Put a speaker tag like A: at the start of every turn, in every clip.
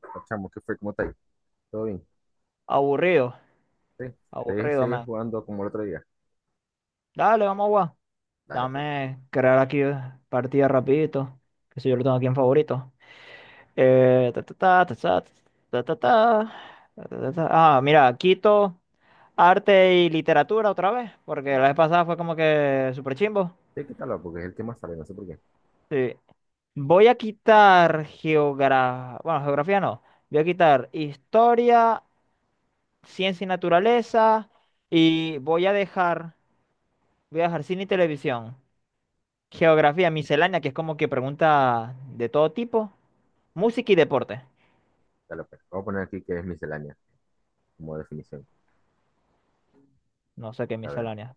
A: Pues, Chamo, ¿qué fue? ¿Cómo está ahí? ¿Todo bien?
B: Aburrido,
A: Sí. ¿Querés
B: aburrido,
A: seguir
B: man.
A: jugando como el otro día?
B: Dale, vamos a jugar.
A: Dale, pues.
B: Dame crear aquí partida rapidito. Que si yo lo tengo aquí en favorito. Ta, ta, ta, ta, ta, ta, ta, ta, ta, ta, ta. Ah, mira, quito arte y literatura otra vez, porque la vez pasada fue como que super chimbo.
A: Sí, quítalo, porque es el que más sabe, no sé por qué.
B: Sí. Voy a quitar geografía. Bueno, geografía no. Voy a quitar historia, ciencia y naturaleza. Y voy a dejar. Voy a dejar cine y televisión. Geografía miscelánea, que es como que pregunta de todo tipo. Música y deporte.
A: Dale, pues. Vamos a poner aquí que es miscelánea, como definición.
B: No sé qué
A: A ver.
B: miscelánea.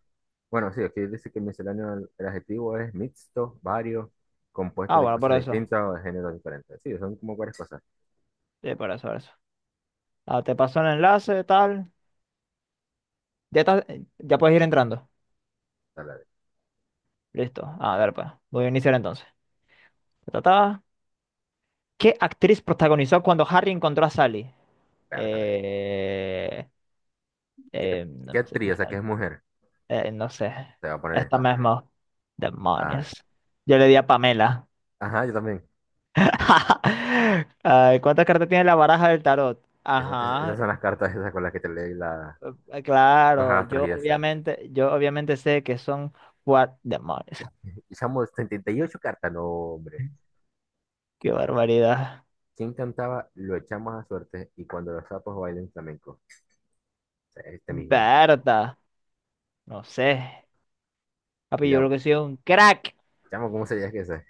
A: Bueno, sí, aquí dice que miscelánea el adjetivo es mixto, varios, compuesto
B: Ah,
A: de
B: bueno, por
A: cosas
B: eso.
A: distintas o de géneros diferentes. Sí, son como varias cosas.
B: Sí, por eso, por eso. Ah, te pasó el enlace, tal. Ya estás- ya puedes ir entrando.
A: Dale, dale.
B: Listo. A ver, pues. Voy a iniciar entonces. Ta, ta, ta. ¿Qué actriz protagonizó cuando Harry encontró a Sally?
A: Pértale.
B: Eh,
A: ¿Qué,
B: no
A: qué
B: sé.
A: tri? O sea, que es mujer.
B: No sé.
A: Te va a poner
B: Esta
A: esta.
B: misma.
A: Ah,
B: Demonios. Yo le di a Pamela.
A: ajá, yo también.
B: Ay, ¿cuántas cartas tiene la baraja del tarot?
A: Esa- es-
B: Ajá,
A: esas son las cartas esas con las que te leí la, los
B: claro,
A: astros y esas.
B: yo obviamente sé que son cuatro demonios.
A: Y chamo, 78 cartas, no, hombre.
B: Qué barbaridad.
A: ¿Quien cantaba Lo echamos a suerte y cuando los sapos bailen flamenco? O sea, este mismo.
B: Berta, no sé. Papi, yo
A: Ella,
B: creo que soy un crack.
A: chamo, ¿cómo se llama esa?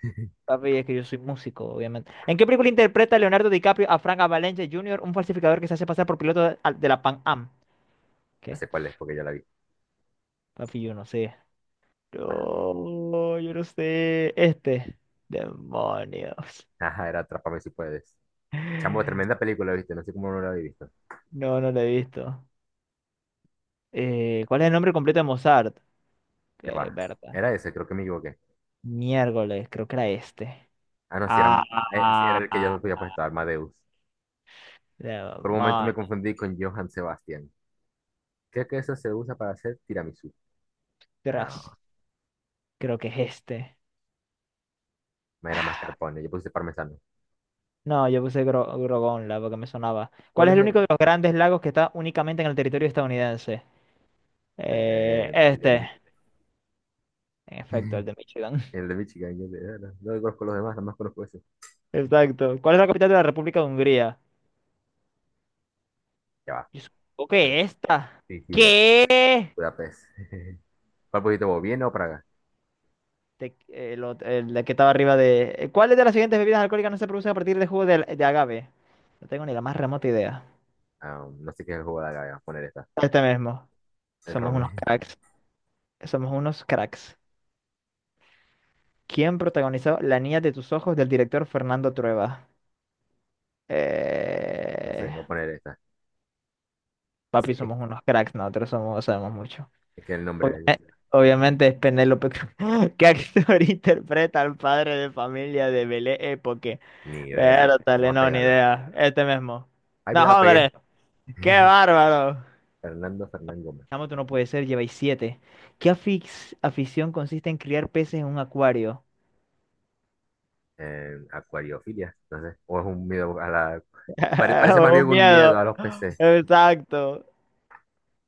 B: Papi, es que yo soy músico, obviamente. ¿En qué película interpreta Leonardo DiCaprio a Frank Avalanche Jr., un falsificador que se hace pasar por piloto de, de la Pan Am?
A: Yo
B: ¿Qué?
A: sé cuál es porque ya la vi.
B: Papi, yo no sé. No, yo no sé. Este. Demonios.
A: Ajá, era Atrápame si puedes. Chamo, tremenda película, ¿viste? No sé cómo no la había visto.
B: No, no la he visto. ¿Cuál es el nombre completo de Mozart?
A: Ya va.
B: Berta.
A: Era ese, creo que me equivoqué.
B: Miércoles, creo que era este.
A: Ah, no, si era,
B: Ah,
A: sí era
B: ah,
A: el que yo
B: ah,
A: había puesto, Armadeus. Por un momento
B: demonio,
A: me confundí con Johann Sebastian. ¿Qué queso se usa para hacer tiramisú?
B: tras,
A: Ah,
B: creo que es este.
A: me era
B: Ah,
A: mascarpone, yo puse parmesano.
B: no, yo puse Grogonla porque me sonaba. ¿Cuál
A: ¿Cuál
B: es
A: es
B: el único
A: el,
B: de los grandes lagos que está únicamente en el territorio estadounidense?
A: el de, el de,
B: Este.
A: Mi-
B: En efecto, el de Michigan.
A: el de Michigan? Yo no conozco los demás, nada más conozco ese.
B: Exacto. ¿Cuál es la capital de la República de Hungría?
A: Ya va.
B: Yo supongo que esta.
A: Sí, sí,
B: ¿Qué?
A: Budapest. ¿Cuál pusiste vos? ¿Viena o Praga?
B: El de que estaba arriba de... ¿Cuáles de las siguientes bebidas alcohólicas no se producen a partir de jugo de agave? No tengo ni la más remota idea.
A: Ah, no sé qué jugada acá, voy a poner esta.
B: Este mismo.
A: El
B: Somos
A: ron.
B: unos cracks. Somos unos cracks. ¿Quién protagonizó La niña de tus ojos del director Fernando Trueba?
A: No
B: Eh,
A: sé, voy a poner esta.
B: Papi,
A: Sí,
B: somos unos cracks, nosotros somos, sabemos mucho.
A: es que el nombre de ella.
B: Obviamente es Penélope Cruz. ¿Qué actor interpreta al padre de familia de Belé Époque?
A: Ni
B: Pero
A: idea.
B: tal,
A: Vamos a
B: no, ni
A: pegarlo.
B: idea. Este mismo.
A: Ay,
B: No,
A: mira, la pegué.
B: hombre, qué bárbaro.
A: Fernando Fernán Gómez.
B: Chamo, tú no puede ser, lleváis siete. ¿Qué afición consiste en criar peces en un acuario?
A: Acuariofilia. No sé. O es un miedo a la. pare- parece más bien
B: Un
A: un miedo
B: miedo,
A: a los peces.
B: exacto.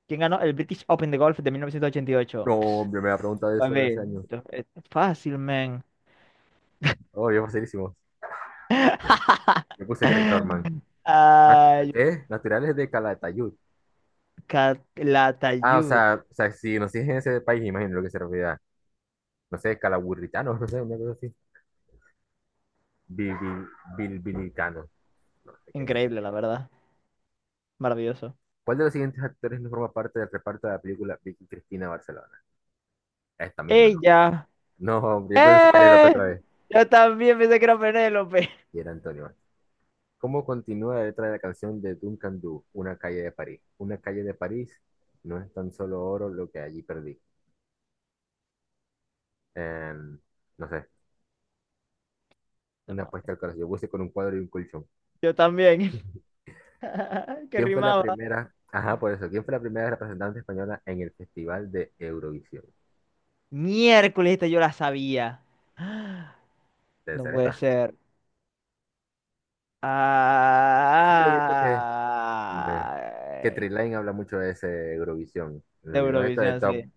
B: ¿Quién ganó el British Open de golf de 1988?
A: No,
B: Ps,
A: hombre, me ha preguntado eso de hace
B: papi,
A: años.
B: esto es fácil, man.
A: Oh, yo facilísimo. Me puse Greg Norman. Nat-
B: Ay,
A: ¿Qué? Naturales de Calatayud. Ah,
B: Calatayud.
A: o sea, si nos siguen en ese país, imagino lo que se refiere. No sé, calaburritanos, no sé, una cosa así. Bilbi- Bilbilitanos, no sé qué es esa.
B: Increíble, la verdad. Maravilloso.
A: ¿Cuál de los siguientes actores no forma parte del reparto de la película Vicky Cristina Barcelona? Esta misma no.
B: Ella.
A: No, hombre, pues Penélope
B: ¡Eh!
A: otra vez.
B: Yo también pensé que era Penélope.
A: Y era Antonio. ¿Cómo continúa la letra de la canción de Duncan Du, Una calle de París? Una calle de París no es tan solo oro lo que allí perdí. Em, no sé, una apuesta
B: Demonios.
A: al corazón. Yo puse con un cuadro y un colchón.
B: Yo también. Que
A: ¿Quién fue la
B: rimaba.
A: primera? Ajá, por eso. ¿Quién fue la primera representante española en el Festival de Eurovisión?
B: Miércoles, esta yo la sabía.
A: Debe
B: No
A: ser
B: puede
A: esta.
B: ser.
A: Yo siempre he visto eh, que
B: Ah,
A: Trilane habla mucho de ese Eurovisión. En
B: de
A: los videos esta de
B: Eurovisión,
A: Top
B: sí.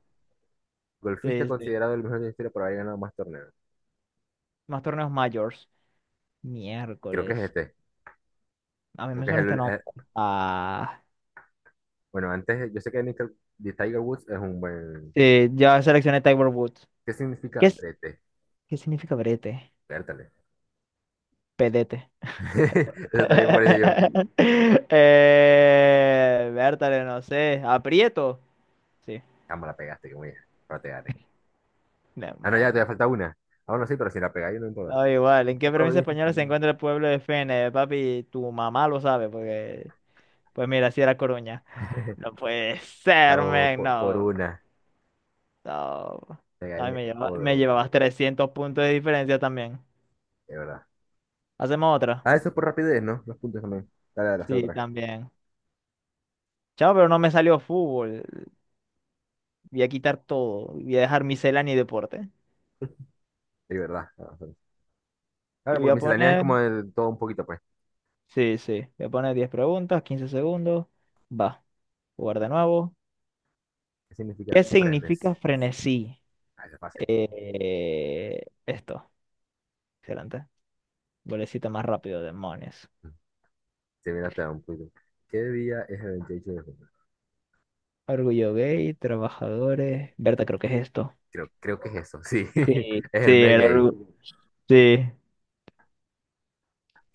A: Golfista
B: Sí, sí.
A: considerado el mejor de la historia por haber ganado más torneos.
B: Más torneos mayores.
A: Creo que es
B: Miércoles.
A: este.
B: A mí
A: Creo
B: me
A: que es
B: suena este nombre. Ah,
A: bueno, antes, yo sé que Nickel, de Tiger Woods es un buen.
B: sí, ya seleccioné Tiger Woods.
A: ¿Qué
B: ¿Qué,
A: significa
B: es-
A: brete?
B: ¿qué significa brete?
A: Pértale.
B: Pedete.
A: Eso también por eso yo.
B: Bertale, no sé. ¿Aprieto? Sí.
A: Chamo, la pegaste, que muy. Pero te gané. Ah, no, ya, te
B: Demonio.
A: falta una. Ah, no, sí, pero si la pegáis, no importa.
B: Da igual.
A: ¿En
B: ¿En
A: ¿Qué
B: qué provincia
A: provincia?
B: española se encuentra el pueblo de Fene? Papi, tu mamá lo sabe, porque. Pues mira, si era Coruña. No puede ser,
A: Chavo,
B: men,
A: por
B: no.
A: una.
B: No,
A: Te
B: no y
A: gané por
B: me
A: una.
B: llevabas 300 puntos de diferencia también.
A: De verdad.
B: ¿Hacemos otra?
A: Ah, eso es por rapidez, ¿no? Los puntos también. Dale, dale, hacer
B: Sí,
A: otra vez.
B: también. Chao, pero no me salió fútbol. Voy a quitar todo. Voy a dejar miscelánea y deporte.
A: Es verdad. Ah, sí.
B: Y
A: Claro,
B: voy
A: porque
B: a
A: miscelánea es
B: poner...
A: como de todo un poquito, pues.
B: Sí, sí. Voy a poner 10 preguntas, 15 segundos. Va. Jugar de nuevo.
A: ¿Qué significa
B: ¿Qué
A: prendes?
B: significa frenesí?
A: Ah, eso es fácil.
B: Eh, esto. Excelente. Golecito más rápido, demonios.
A: Se viene hasta un poquito. ¿Qué día es el 28 de junio?
B: Orgullo gay, trabajadores. Berta, creo que es esto.
A: Creo que es eso, sí.
B: Sí,
A: Es
B: sí,
A: el mes
B: era
A: gay.
B: orgu- Sí.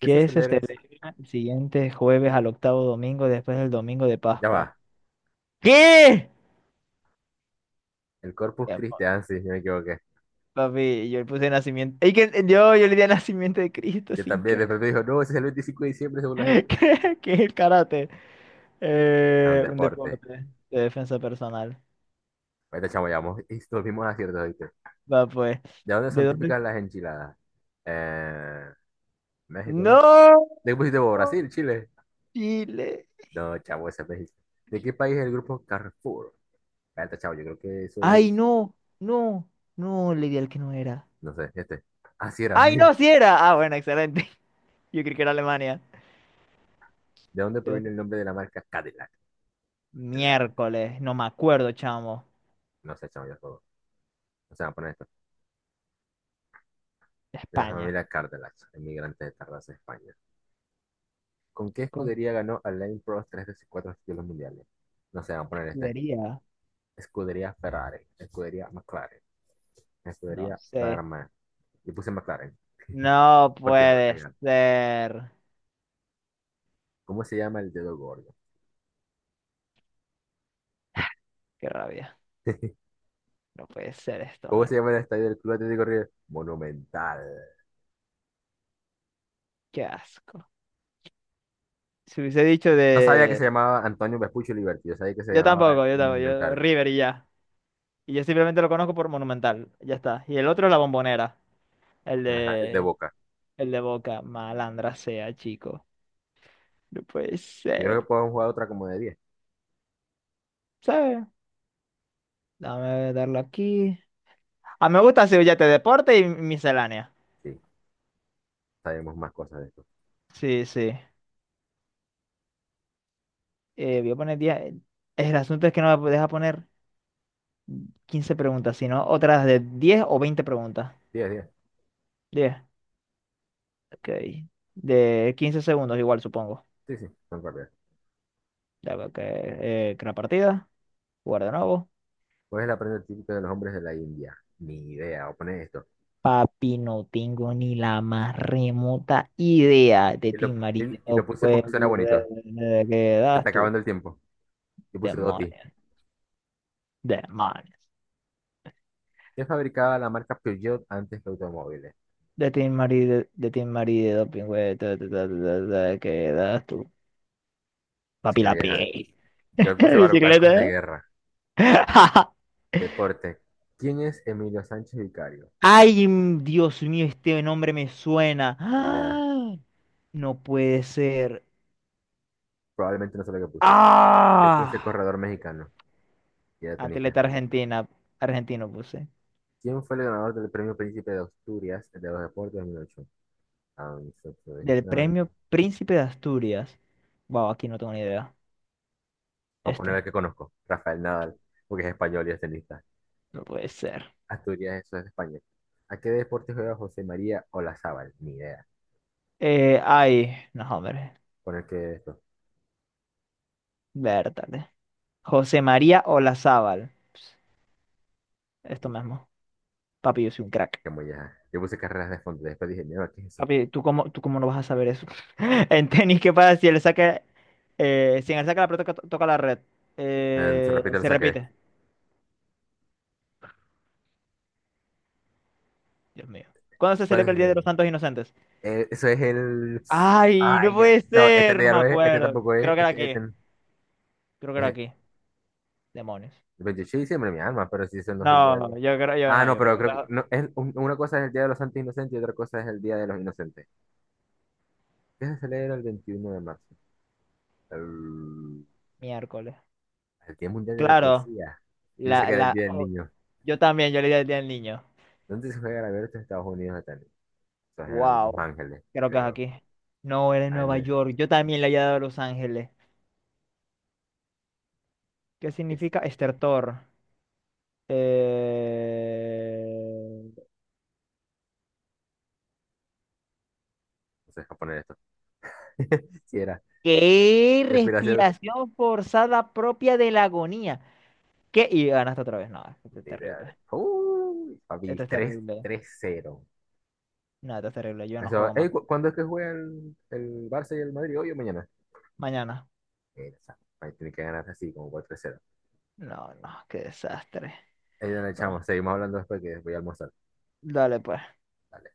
A: ¿Qué se
B: es
A: celebra
B: este el siguiente jueves al octavo domingo después del domingo de
A: Ya
B: Pascua?
A: va.
B: ¿Qué?
A: El Corpus
B: Ya, pa-
A: Christi, ah, sí, yo me equivoqué.
B: Papi, yo le puse nacimiento. Ey, que, yo le di nacimiento de Cristo
A: Yo
B: sin
A: también,
B: querer.
A: después me dijo, no, ese es el 25 de diciembre según la gente.
B: ¿Qué ¿qué es el karate?
A: Es un
B: Un
A: deporte.
B: deporte de defensa personal.
A: Ahorita, chamo, llevamos y mismos aciertos, ¿viste?
B: Va, pues.
A: ¿De dónde
B: ¿De
A: son
B: dónde?
A: típicas las enchiladas? Eh, México, ¿no?
B: ¡No!
A: ¿De qué pusiste vos? ¿Brasil? ¿Chile?
B: Chile.
A: No, chavo, ese es México. ¿De qué país es el grupo Carrefour? Espérate, chavo, yo creo que eso es,
B: ¡Ay, no! No, no, le di al que no era.
A: no sé, este. Así era.
B: ¡Ay, no, sí era! Ah, bueno, excelente. Yo creí que era Alemania.
A: ¿De dónde
B: ¿De
A: proviene
B: dónde?
A: el nombre de la marca Cadillac? De la-
B: Miércoles, no me acuerdo, chamo.
A: No sé, chavo, yo juego. O sea, poner esto. De la
B: España.
A: familia Cadillac, emigrantes de Tarrasa, España. ¿Con qué
B: ¿Con
A: escudería ganó Alain Prost tres de sus cuatro títulos mundiales? No sé, vamos a
B: qué
A: poner este.
B: sería?
A: Escudería Ferrari, escudería McLaren,
B: No
A: escudería
B: sé.
A: Barman. Y puse McLaren,
B: No
A: porque no lo
B: puede
A: tenía.
B: ser.
A: ¿Cómo se llama el dedo gordo?
B: Qué rabia. No puede ser esto,
A: ¿Cómo
B: man.
A: se llama el estadio del Club Atlético River? Monumental.
B: Qué asco. Si hubiese dicho
A: No sabía que se
B: de...
A: llamaba Antonio Vespucci Liberty, yo sabía que se
B: Yo
A: llamaba
B: tampoco, yo
A: el
B: tampoco. Yo...
A: Monumental,
B: River y ya. Y yo simplemente lo conozco por Monumental. Ya está. Y el otro es la Bombonera. El
A: ajá, el de
B: de...
A: Boca.
B: El de Boca. Malandra sea, chico. No puede
A: Yo creo que
B: ser.
A: podemos jugar otra como de 10.
B: ¿Sabes? Dame darle aquí. Ah, me gusta Sevillate Deporte y miscelánea.
A: Sí, sabemos más cosas de esto.
B: Sí, sí. Voy a poner 10. El asunto es que no me deja poner 15 preguntas, sino otras de 10 o 20 preguntas.
A: 10 10
B: 10. Ok. De 15 segundos igual, supongo.
A: Sí, sí, son correctas.
B: Ya veo que crea partida. Jugar de nuevo.
A: ¿Cuál es la prenda típica de los hombres de la India? Ni idea, voy a poner esto.
B: Papi, no tengo ni la más remota idea de
A: Y
B: ti,
A: lo, y,
B: marido.
A: y
B: No
A: lo puse
B: puedo
A: porque suena bonito.
B: creer. ¿Qué
A: Se está
B: das tú?
A: acabando el tiempo. Yo puse Doti.
B: Demonios. Demonios.
A: ¿Qué fabricaba la marca Peugeot antes que automóviles?
B: De Team Mari, de Team Mari, de doping, güey. ¿Qué das tú? Papi la
A: Muy ajá.
B: pey.
A: Yo puse bar-
B: Bicicleta.
A: barcos de
B: ¿Eh?
A: guerra, deporte. ¿Quién es Emilio Sánchez Vicario?
B: Ay, mm, Dios mío, este nombre me suena.
A: Ni idea.
B: ¡Ah! No puede ser.
A: Probablemente no sé lo que puse. Yo puse
B: ¡Ah!
A: corredor mexicano, ya tenista
B: Atleta
A: español.
B: argentina, argentino puse.
A: ¿Quién fue el ganador del premio Príncipe de Asturias de los Deportes 2008? Ah, nosotros,
B: Del
A: nada.
B: premio Príncipe de Asturias. Wow, aquí no tengo ni idea.
A: Voy a
B: Este,
A: poner el que conozco, Rafael Nadal, porque es español y es tenista.
B: no puede ser.
A: Asturias, eso es España. ¿A qué deporte juega José María Olazábal? Ni idea.
B: Ay, no, hombre.
A: Poner que esto,
B: Vértale. José María Olazábal. Esto mismo. Papi, yo soy un crack.
A: que muy ya. Yo puse carreras de fondo, después dije, no, ¿qué es eso?
B: Papi, ¿tú cómo no vas a saber eso? En tenis, ¿qué pasa si él saca, si en el saca la pelota toca la red?
A: Se repite, lo
B: Se
A: saqué.
B: repite. Dios mío. ¿Cuándo se
A: ¿Cuál
B: celebra el
A: es
B: Día de los
A: el?
B: Santos Inocentes?
A: Eso es el.
B: ¡Ay, no
A: Ay,
B: puede
A: no, este
B: ser! No
A: ya
B: me
A: no es, este
B: acuerdo.
A: tampoco
B: Creo
A: es,
B: que era aquí. Creo que era
A: eh,
B: aquí. Demonios.
A: pues yo sí, siempre mi alma, pero sí, eso no es el de.
B: No, yo creo, yo
A: Ah,
B: no,
A: no,
B: yo creo
A: pero
B: que
A: creo que
B: está
A: no, es, una cosa es el Día de los Santos Inocentes y otra cosa es el Día de los Inocentes. ¿Qué se celebra el 21 de marzo? El,
B: miércoles.
A: el Día Mundial de la
B: Claro,
A: Poesía. Yo sé que era el Día del
B: oh,
A: Niño.
B: yo también, yo le di el Día del Niño.
A: ¿Dónde se juega la abierto de Estados Unidos de tenis? Eso es en Los
B: Wow,
A: Ángeles,
B: creo que es
A: creo.
B: aquí. No, era en
A: Ah, no,
B: Nueva York. Yo también le había dado a Los Ángeles. ¿Qué
A: es-
B: significa estertor? Eh,
A: no sé japonés esto. Si era.
B: ¿Qué
A: Respiración.
B: respiración forzada propia de la agonía? ¿Qué? Y ganaste otra vez. No, esto es
A: Ni idea.
B: terrible.
A: Uy,
B: Esto
A: papi,
B: es
A: tres
B: terrible.
A: tres cero.
B: No, esto es terrible. Yo no
A: Eso,
B: juego más.
A: ey, ¿cuándo es que juega el Barça y el Madrid? Hoy o mañana.
B: Mañana.
A: Ahí tiene que ganar así, como 4.
B: No, no, qué desastre.
A: Ahí donde
B: Bueno,
A: echamos. Seguimos hablando después que voy a almorzar.
B: dale pues.
A: Dale.